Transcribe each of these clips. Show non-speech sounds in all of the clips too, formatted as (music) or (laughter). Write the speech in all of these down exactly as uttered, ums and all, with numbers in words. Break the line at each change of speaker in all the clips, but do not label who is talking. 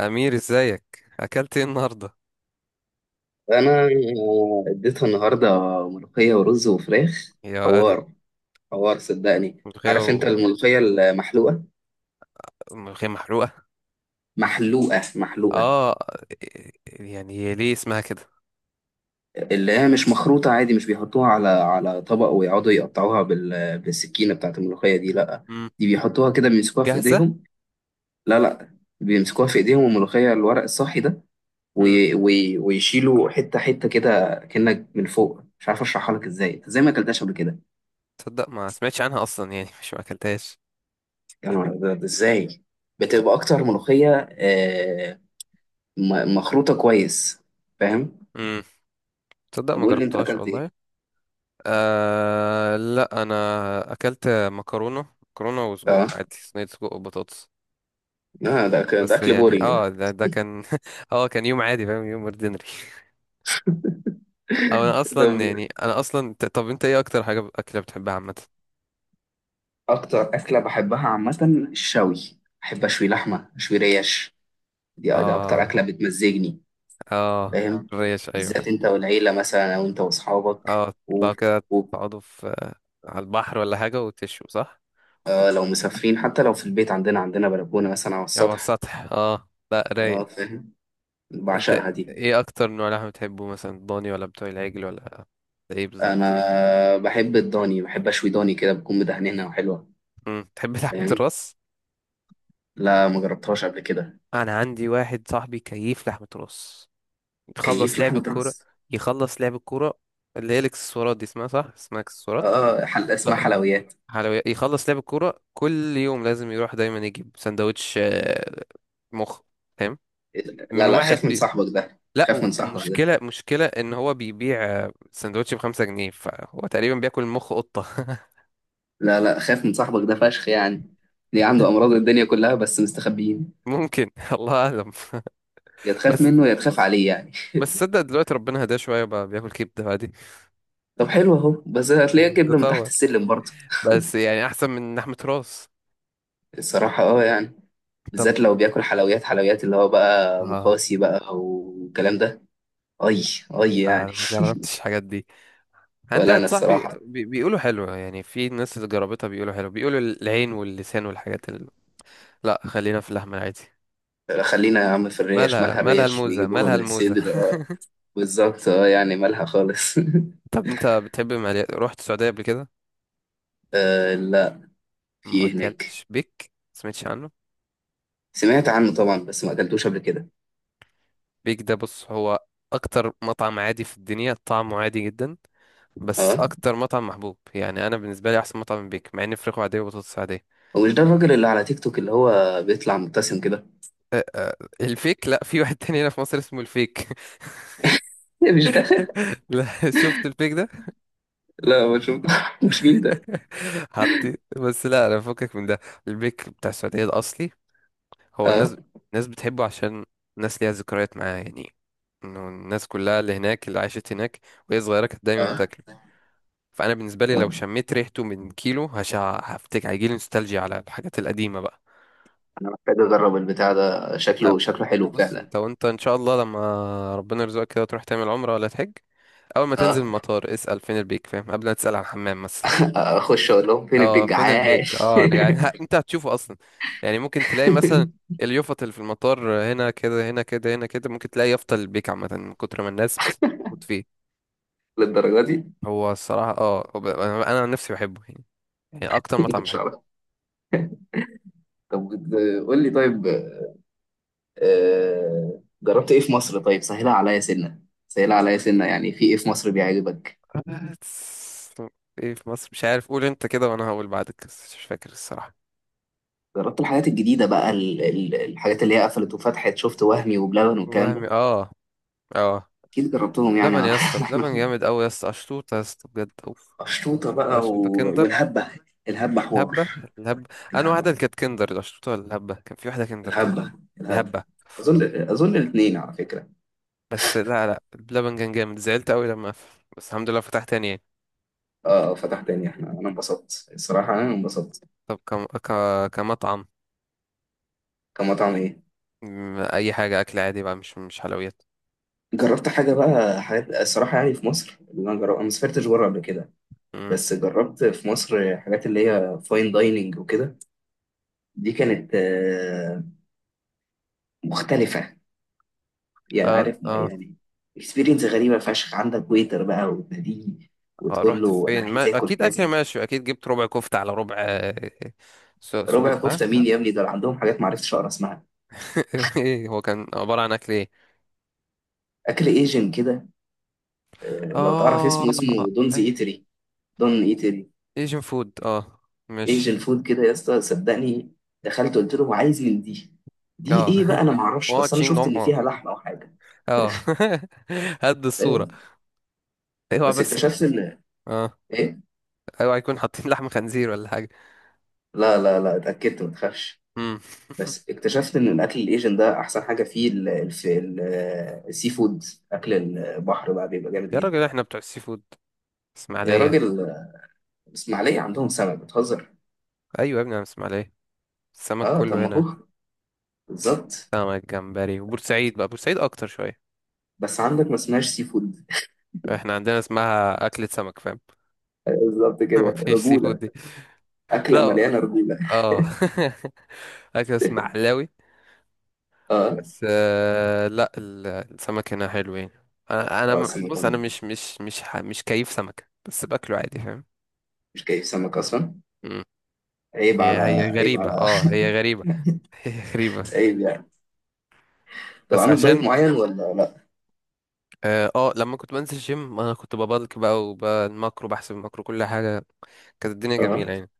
أمير، ازيك؟ أكلت ايه النهاردة
انا اديتها النهارده ملوخيه ورز وفراخ.
يا ولد؟
حوار، حوار، صدقني.
ملوخية
عارف انت
و...
الملوخيه المحلوقه
ملوخية محروقة.
محلوقه محلوقه؟
اه، يعني هي ليه اسمها كده؟
اللي هي مش مخروطه عادي، مش بيحطوها على على طبق ويقعدوا يقطعوها بال... بالسكينه بتاعت الملوخيه دي، لا.
مم.
دي بيحطوها كده، بيمسكوها في
جاهزة؟
ايديهم. لا، لا، بيمسكوها في ايديهم الملوخيه، الورق الصحي ده.
مم.
وي... وي... ويشيلوا حته حته كده، كأنك من فوق. مش عارف اشرحها لك ازاي، إنت ازاي ما اكلتهاش قبل كده؟
تصدق ما سمعتش عنها أصلا يعني (laughs) مش ما أكلتهاش.
يا نهار أبيض، إزاي؟ بتبقى أكتر ملوخية آه، م- مخروطة كويس. فاهم؟
مم. تصدق
طب
ما
قول لي، أنت
جربتهاش
أكلت إيه؟
والله. آه، لا أنا أكلت مكرونة مكرونة وسجق
أه
عادي، صينية سجق وبطاطس.
لا، ده أك- ده
بس
أكل
يعني
بورينج
اه
ده.
ده, ده كان (laughs) اه كان يوم عادي، فاهم؟ يوم اوردينري (laughs) أو انا
ده
اصلا، يعني انا اصلا ت- طب، انت ايه اكتر حاجه اكله بتحبها عامه؟
أكتر أكلة بحبها عامة، الشوي. بحب أشوي لحمة، أشوي ريش. دي دي أكتر
اه.
أكلة بتمزجني.
اه.
فاهم؟
الريش، ايوه، فاهم.
بالذات أنت والعيلة مثلا، أو أنت وأصحابك
اه،
و-
تطلعوا كده،
و-
تقعدوا في على البحر ولا حاجة وتشوا، صح؟
آه، لو مسافرين. حتى لو في البيت، عندنا عندنا بلكونة مثلا على
او على
السطح.
السطح، اه، لا رايق.
أه، فاهم؟
انت
بعشقها دي.
ايه اكتر نوع لحمة بتحبه؟ مثلا ضاني ولا بتوع العجل ولا ايه بالظبط؟
انا بحب الضاني، بحب اشوي ضاني كده بتكون مدهنينها وحلوه.
امم، تحب لحمة
فاهم؟
الراس؟
لا، ما جربتهاش قبل كده.
انا عندي واحد صاحبي كيف لحمة راس. يخلص
كيف
لعب
لحمه
الكورة
راس؟
يخلص لعب الكورة اللي هي الاكسسوارات دي اسمها، صح؟ اسمها اكسسوارات.
اه، حل... اسمها
لا،
حلويات.
حلويات. يخلص لعب الكورة كل يوم لازم يروح دايما يجيب سندوتش، آه، مخ، فاهم؟ من
لا لا، خاف
واحد
من
بي...
صاحبك ده،
لا، و-
خاف من صاحبك ده.
ومشكلة مشكلة ان هو بيبيع آه، سندوتش بخمسة جنيه، فهو تقريبا بياكل مخ قطة.
لا لا، خاف من صاحبك ده فشخ يعني. ليه عنده امراض
(laughs)
الدنيا كلها بس مستخبيين.
ممكن، الله اعلم.
يا تخاف
بس
منه يا تخاف عليه يعني.
بس،
(laughs)
صدق دلوقتي ربنا هداه شوية، بقى بياكل كبدة عادي.
طب حلو اهو، بس هتلاقيه
يعني
كده من تحت
تطور.
السلم برضه.
بس
(laughs)
يعني احسن من لحمة راس.
الصراحة اه يعني،
طب،
بالذات لو بياكل حلويات، حلويات اللي هو بقى
آه
مخاصي بقى والكلام ده. اي، اي
آه،
يعني.
ما
(laughs)
جربتش الحاجات دي. عندي
ولا انا
واحد صاحبي
الصراحه.
بي- بيقولوا حلوة، يعني في ناس اللي جربتها بيقولوا حلو، بيقولوا العين واللسان والحاجات اللي... لا، خلينا في اللحمة العادي.
خلينا يا عم في الريش،
مالها
مالها
مالها
الريش؟
الموزة،
بيجيبوها
مالها
من
الموزة
الصدر، اه.
(laughs)
بالظبط، اه يعني، مالها خالص. (laughs)
طب انت بتحب المقليات؟ رحت السعودية قبل كده؟
آه لا، في
ما
ايه هناك؟
اكلتش بيك؟ سمعتش عنه؟
سمعت عنه طبعا بس ما اكلتوش قبل كده.
بيك ده، بص، هو اكتر مطعم عادي في الدنيا، طعمه عادي جدا. بس
اه،
اكتر مطعم محبوب، يعني انا بالنسبة لي احسن مطعم من بيك، مع ان فراخه عادية وبطاطس عادية.
ومش ده الراجل اللي على تيك توك اللي هو بيطلع مبتسم كده؟ (laughs)
أه، أه، الفيك، لا، في واحد تاني هنا في مصر اسمه الفيك.
إيه، مش ده؟ (laughs)
(laughs) لا، شفت البيك ده؟
لا ما شفتوش، (laughs) مين ده؟
(laughs) حطيت بس، لا انا فكك من ده. البيك بتاع السعودية الاصلي. هو الناس
اه،
الناس بتحبه عشان الناس ليها ذكريات معاه، يعني انه الناس كلها اللي هناك، اللي عاشت هناك وهي صغيره، كانت دايما
اه،
بتاكله. فانا بالنسبه لي
طب
لو شميت ريحته من كيلو، هش هفتكر، هيجيلي نوستالجيا على الحاجات القديمه بقى.
انا محتاج اجرب البتاع ده،
طب،
شكله شكله حلو
بص،
فعلا.
انت وانت ان شاء الله، لما ربنا يرزقك كده، تروح تعمل عمره ولا تحج، اول ما
اه.
تنزل من المطار اسال فين البيك، فاهم؟ قبل ما تسال على الحمام مثلا.
(laughs) اخش اقول لهم فين
اه،
البيج،
فين البيك.
عاش.
اه انا جعان (laughs) انت هتشوفه اصلا، يعني ممكن تلاقي مثلا
(laughs)
اليافطة اللي في المطار، هنا كده، هنا كده، هنا كده، ممكن تلاقي يافطة البيك عامة من كتر ما الناس بتموت فيه.
للدرجه دي؟
هو الصراحة اه هو ب- انا أنا عن نفسي بحبه، يعني. يعني اكتر
ما
مطعم
كنتش
بحبه.
اعرف. طب قول لي طيب، آه، جربت ايه في مصر؟ طيب سهلها عليا سنة، سهلها عليا سنة، يعني في ايه في مصر بيعجبك؟
(laughs) بس ايه في مصر؟ مش عارف، قول انت كده وانا هقول بعدك، بس مش فاكر الصراحة.
جربت الحاجات الجديدة بقى، ال- ال- الحاجات اللي هي قفلت وفتحت؟ شفت وهمي وبلبن والكلام ده؟
وهمي، اه، اه،
اكيد جربتهم يعني.
لبن يا اسطى،
(laughs) احنا
لبن جامد قوي يا اسطى، اشطوطه يا اسطى، بجد، اوف.
قشطوطة
اشطوطه
بقى و...
أشطوطة كندر.
والهبة. الهبة حوار.
الهبة الهبة أنا واحدة
الهبة،
اللي كانت كندر، لو شفتوها الهبة كان في واحدة كندر كده.
الهبة، الهبة.
الهبة.
اظن، اظن الاثنين على فكرة.
بس لا، لا، اللبن كان جامد، زعلت أوي لما قفل، بس الحمد لله فتح تاني يعني.
اه، آه، فتح تاني، احنا انا انبسطت الصراحة، انا انبسطت.
طب، كم... ك... كمطعم.
كمطعم ايه؟
مم، أي حاجة أكل عادي بقى، مش مش حلويات.
جربت حاجة بقى، حاجات الصراحة يعني في مصر اللي انا جربت، انا ما سافرتش بره قبل كده.
مم.
بس جربت في مصر حاجات اللي هي فاين دايننج وكده. دي كانت آه، مختلفة. يعني
اه،
عارف م-
اه،
يعني اكسبيرينس غريبة فشخ، عندك ويتر بقى وتناديه
اه،
وتقول
رحت
له أنا
فين؟
عايز
ما...
آكل
أكيد أكل
كذا.
ماشي. أكيد جبت ربع كفتة على ربع، آه، س-
ربع
سجق، ها
كفتة مين
ها؟
يا ابني، دول عندهم حاجات معرفتش أقرأ اسمها.
(laughs) ايه هو؟ كان عبارة عن أكل ايه؟
أكل ايجن كده، آه، لو تعرف اسمه
اه،
اسمه دونز
اي،
ايتري، دون ايتري.
ايجن فود. اه مش
ايجن فود كده يا اسطى، صدقني. دخلت قلت له عايز من دي، دي
اه
ايه بقى
(laughs)
انا معرفش،
اه
بس انا
تشينج،
شفت ان فيها لحمه او حاجه.
اه (laughs) هد الصورة.
آه،
اوعى
بس
بس يكون
اكتشفت ان،
اه
إيه؟
اوعى يكون حاطين لحم خنزير ولا حاجة.
لا لا لا، اتأكدت ما تخافش.
امم (laughs)
بس اكتشفت ان الاكل الايجن ده احسن حاجه فيه ال- الف- ال- السي فود، اكل البحر بقى، بيبقى جامد
يا راجل،
جدا.
احنا بتوع السي فود،
يا
اسماعيلية.
راجل، الاسماعيليه عندهم سمك بتهزر.
ايوه يا ابني، انا من اسماعيلية، السمك
اه طب
كله
ما
هنا.
هو بالظبط.
سمك، جمبري، وبورسعيد، بقى بورسعيد اكتر شوية.
بس عندك ما اسمهاش سي فود،
احنا عندنا اسمها اكلة سمك، فاهم؟
بالظبط
(laughs)
كده،
مفيش سي فود
رجوله.
دي.
اكله
لا،
مليانه رجوله.
اه (laughs) اكل اسماعيلاوي.
اه،
بس آه، لا، ال- السمك هنا حلو يعني. انا انا
اه،
م-
سمك،
بص، انا مش مش مش ح- مش كيف سمكة، بس باكله عادي، فاهم؟
مش كيف سمك اصلا. عيب
هي
على،
هي
عيب
غريبة،
على. (laughs)
اه هي غريبة (laughs) هي غريبة.
عيب يعني. طب
بس
عامل دايت
عشان
معين ولا لا؟
اه آه، لما كنت بنزل جيم، انا كنت ببلك بقى وبالماكرو، بحسب الماكرو كل حاجة. كانت الدنيا
اه،
جميلة يعني.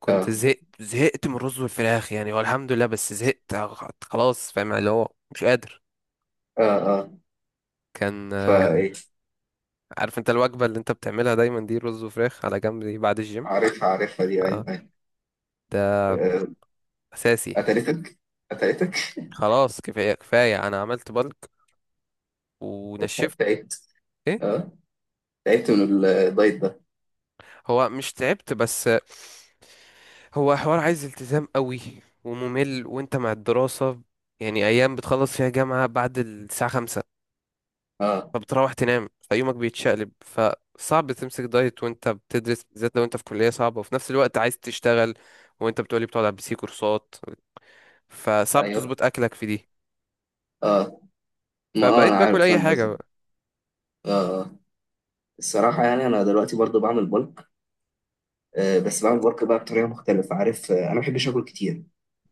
كنت
اه،
زهقت زهقت من الرز والفراخ يعني، هو الحمد لله، بس زهقت خلاص، فاهم؟ اللي هو مش قادر.
اه، اه،
كان آه،
فايه؟
عارف انت الوجبة اللي انت بتعملها دايما دي، رز وفراخ على جنب دي بعد الجيم.
عارفها عارفها دي،
اه،
ايوه، أيوة.
ده
آه،
اساسي.
قتلتك، قتلتك.
خلاص، كفاية كفاية، انا عملت بلك
(laughs)
ونشفت.
تعبت.
ايه؟
اه تعبت من الدايت ده.
هو مش تعبت بس، هو حوار عايز التزام قوي، وممل، وانت مع الدراسة، يعني ايام بتخلص فيها جامعة بعد الساعة خمسة،
اه،
فبتروح تنام، فيومك بيتشقلب، فصعب تمسك دايت وانت بتدرس، بالذات لو انت في كلية صعبة وفي نفس الوقت عايز تشتغل، وانت بتقولي بتقعد على البي سي كورسات، فصعب
ايوه،
تظبط اكلك في دي.
اه، ما اه انا
فبقيت باكل
عارف
اي
فاهم قصدك.
حاجة
اه، آه. الصراحه يعني انا دلوقتي برضو بعمل بلك. آه، بس بعمل بلك بقى بطريقه مختلفه، عارف؟ آه، انا ما بحبش اكل كتير،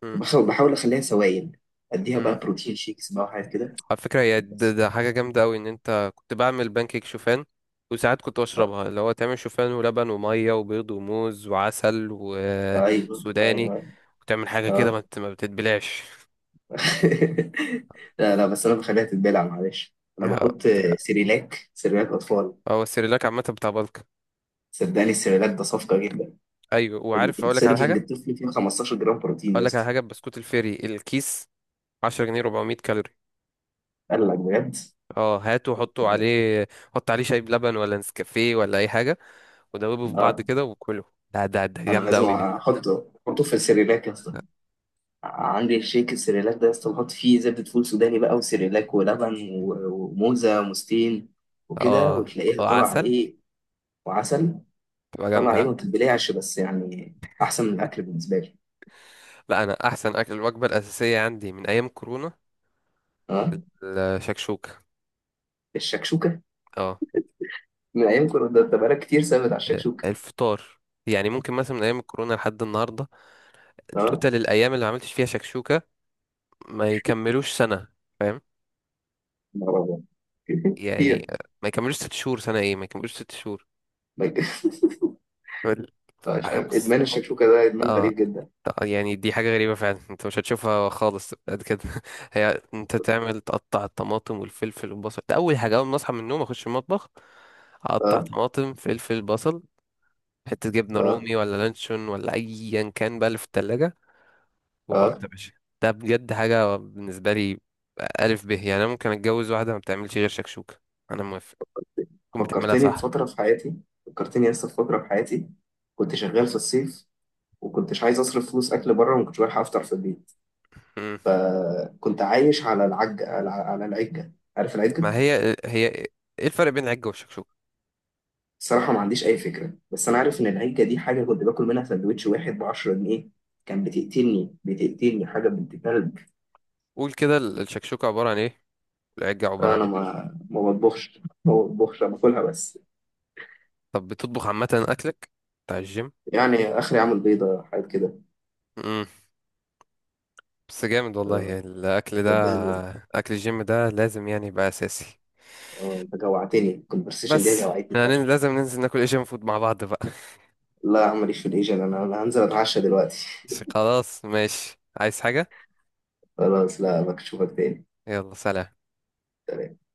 بقى.
بحاول بحاول اخليها سوائل. اديها بقى بروتين شيكس بقى وحاجات كده.
على فكرة، هي ده,
بس
ده حاجة جامدة أوي، إن أنت كنت بعمل بانكيك شوفان، وساعات كنت
آه.
بشربها، اللي هو تعمل شوفان ولبن ومية وبيض وموز وعسل
ايوه ايوه،
وسوداني،
أيوة.
وتعمل حاجة كده ما
اه.
بت- ما بتتبلعش.
(laughs) لا لا بس انا بخليها تتبلع، معلش
(laughs)
انا
آه،
بحط آه،
تبقى.
سيريلاك، سيريلاك اطفال.
هو السيريلاك عامة بتاع بلك.
صدقني السيريلاك ده صفقه جدا.
أيوة، وعارف، أقولك على
السيرفنج
حاجة
الطفل فيه خمستاشر جرام بروتين يا
أقولك على
اسطى.
حاجة بسكوت الفيري الكيس، عشرة جنيه، أربعمية كالوري.
قال لك بجد؟
اه، هاته وحطه عليه، حط عليه شاي بلبن ولا نسكافيه ولا أي حاجة، ودوبه في بعض
اه.
كده وكله. ده ده ده
انا
جامدة
لازم
أوي دي.
احطه، احطه في السيريلاك يا اسطى. عندي الشيك السيريلاك ده يا اسطى، بحط فيه زبدة فول سوداني بقى، وسيريلاك ولبن و- وموزة ومستين وكده،
اه
وتلاقيها
آه،
طالعة
عسل،
ايه. وعسل.
تبقى
طالعة ايه،
جامدة.
ما بتتبلعش بس يعني، احسن من الاكل بالنسبة لي.
لا انا احسن اكل، الوجبه الاساسيه عندي من ايام كورونا
اه
الشكشوكه.
الشكشوكة.
اه،
من ايام كنا، ده ده بقالك كتير ثابت على الشكشوكة.
الفطار، يعني ممكن مثلا من ايام الكورونا لحد النهارده،
اه.
توتال الايام اللي ما عملتش فيها شكشوكه ما يكملوش سنه، فاهم؟
نهار أبيض. (laughs)
يعني،
كتير.
ما يكملوش ست شهور، سنه ايه؟ ما يكملوش ست شهور.
(laughs)
بل-
مش
آه،
عارف،
بص
ادمان
هو-
الشكشوكة ده ادمان غريب جدا.
يعني دي حاجه غريبه فعلا، انت مش هتشوفها خالص قد كده (laughs) هي، انت تعمل تقطع الطماطم والفلفل والبصل، ده اول حاجه، اول ما اصحى من النوم اخش المطبخ، اقطع
اه،
طماطم فلفل بصل، حتة جبنة
اه،
رومي ولا لانشون ولا أيا كان بقى اللي في التلاجة،
اه،
وحط يا باشا. ده بجد حاجة بالنسبة لي. ألف ب، يعني أنا ممكن أتجوز واحدة ما بتعملش غير شكشوكة، أنا موافق، تكون بتعملها
فكرتني
صح.
بفترة في حياتي، فكرتني لسه في فترة في حياتي، كنت شغال في الصيف، وكنتش عايز اصرف فلوس اكل بره، وما كنتش بلحق افطر في البيت.
مم.
فكنت عايش على العجة، على على العجة. عارف العجة؟
ما هي هي إيه الفرق بين العجة والشكشوكة؟
الصراحة ما عنديش أي فكرة، بس أنا عارف إن العجة دي حاجة كنت باكل منها سندوتش واحد بعشرة جنيه. كان بتقتلني، بتقتلني حاجة بنت كلب.
قول كده، ال- الشكشوكة عبارة عن إيه؟ والعجة عبارة عن
أنا
إيه؟
ما ما بطبخش ما بطبخش، أنا باكلها بس.
طب بتطبخ عامة أكلك بتاع الجيم؟
يعني آخري أعمل بيضة، حاجات كده.
مم. بس جامد والله، يعني الأكل ده،
صدقني.
أكل الجيم ده لازم يعني يبقى أساسي.
آه، أنت جوعتني الكونفرسيشن دي،
بس
جوعتني.
يعني لازم ننزل ناكل ايجن فود مع بعض بقى.
لا يا عم، ماليش في الإيجاد، أنا أنا هنزل أتعشى دلوقتي.
بس، خلاص ماشي، عايز حاجة؟
(laughs) خلاص، لا بشوفك تاني.
يلا، سلام.
سلام.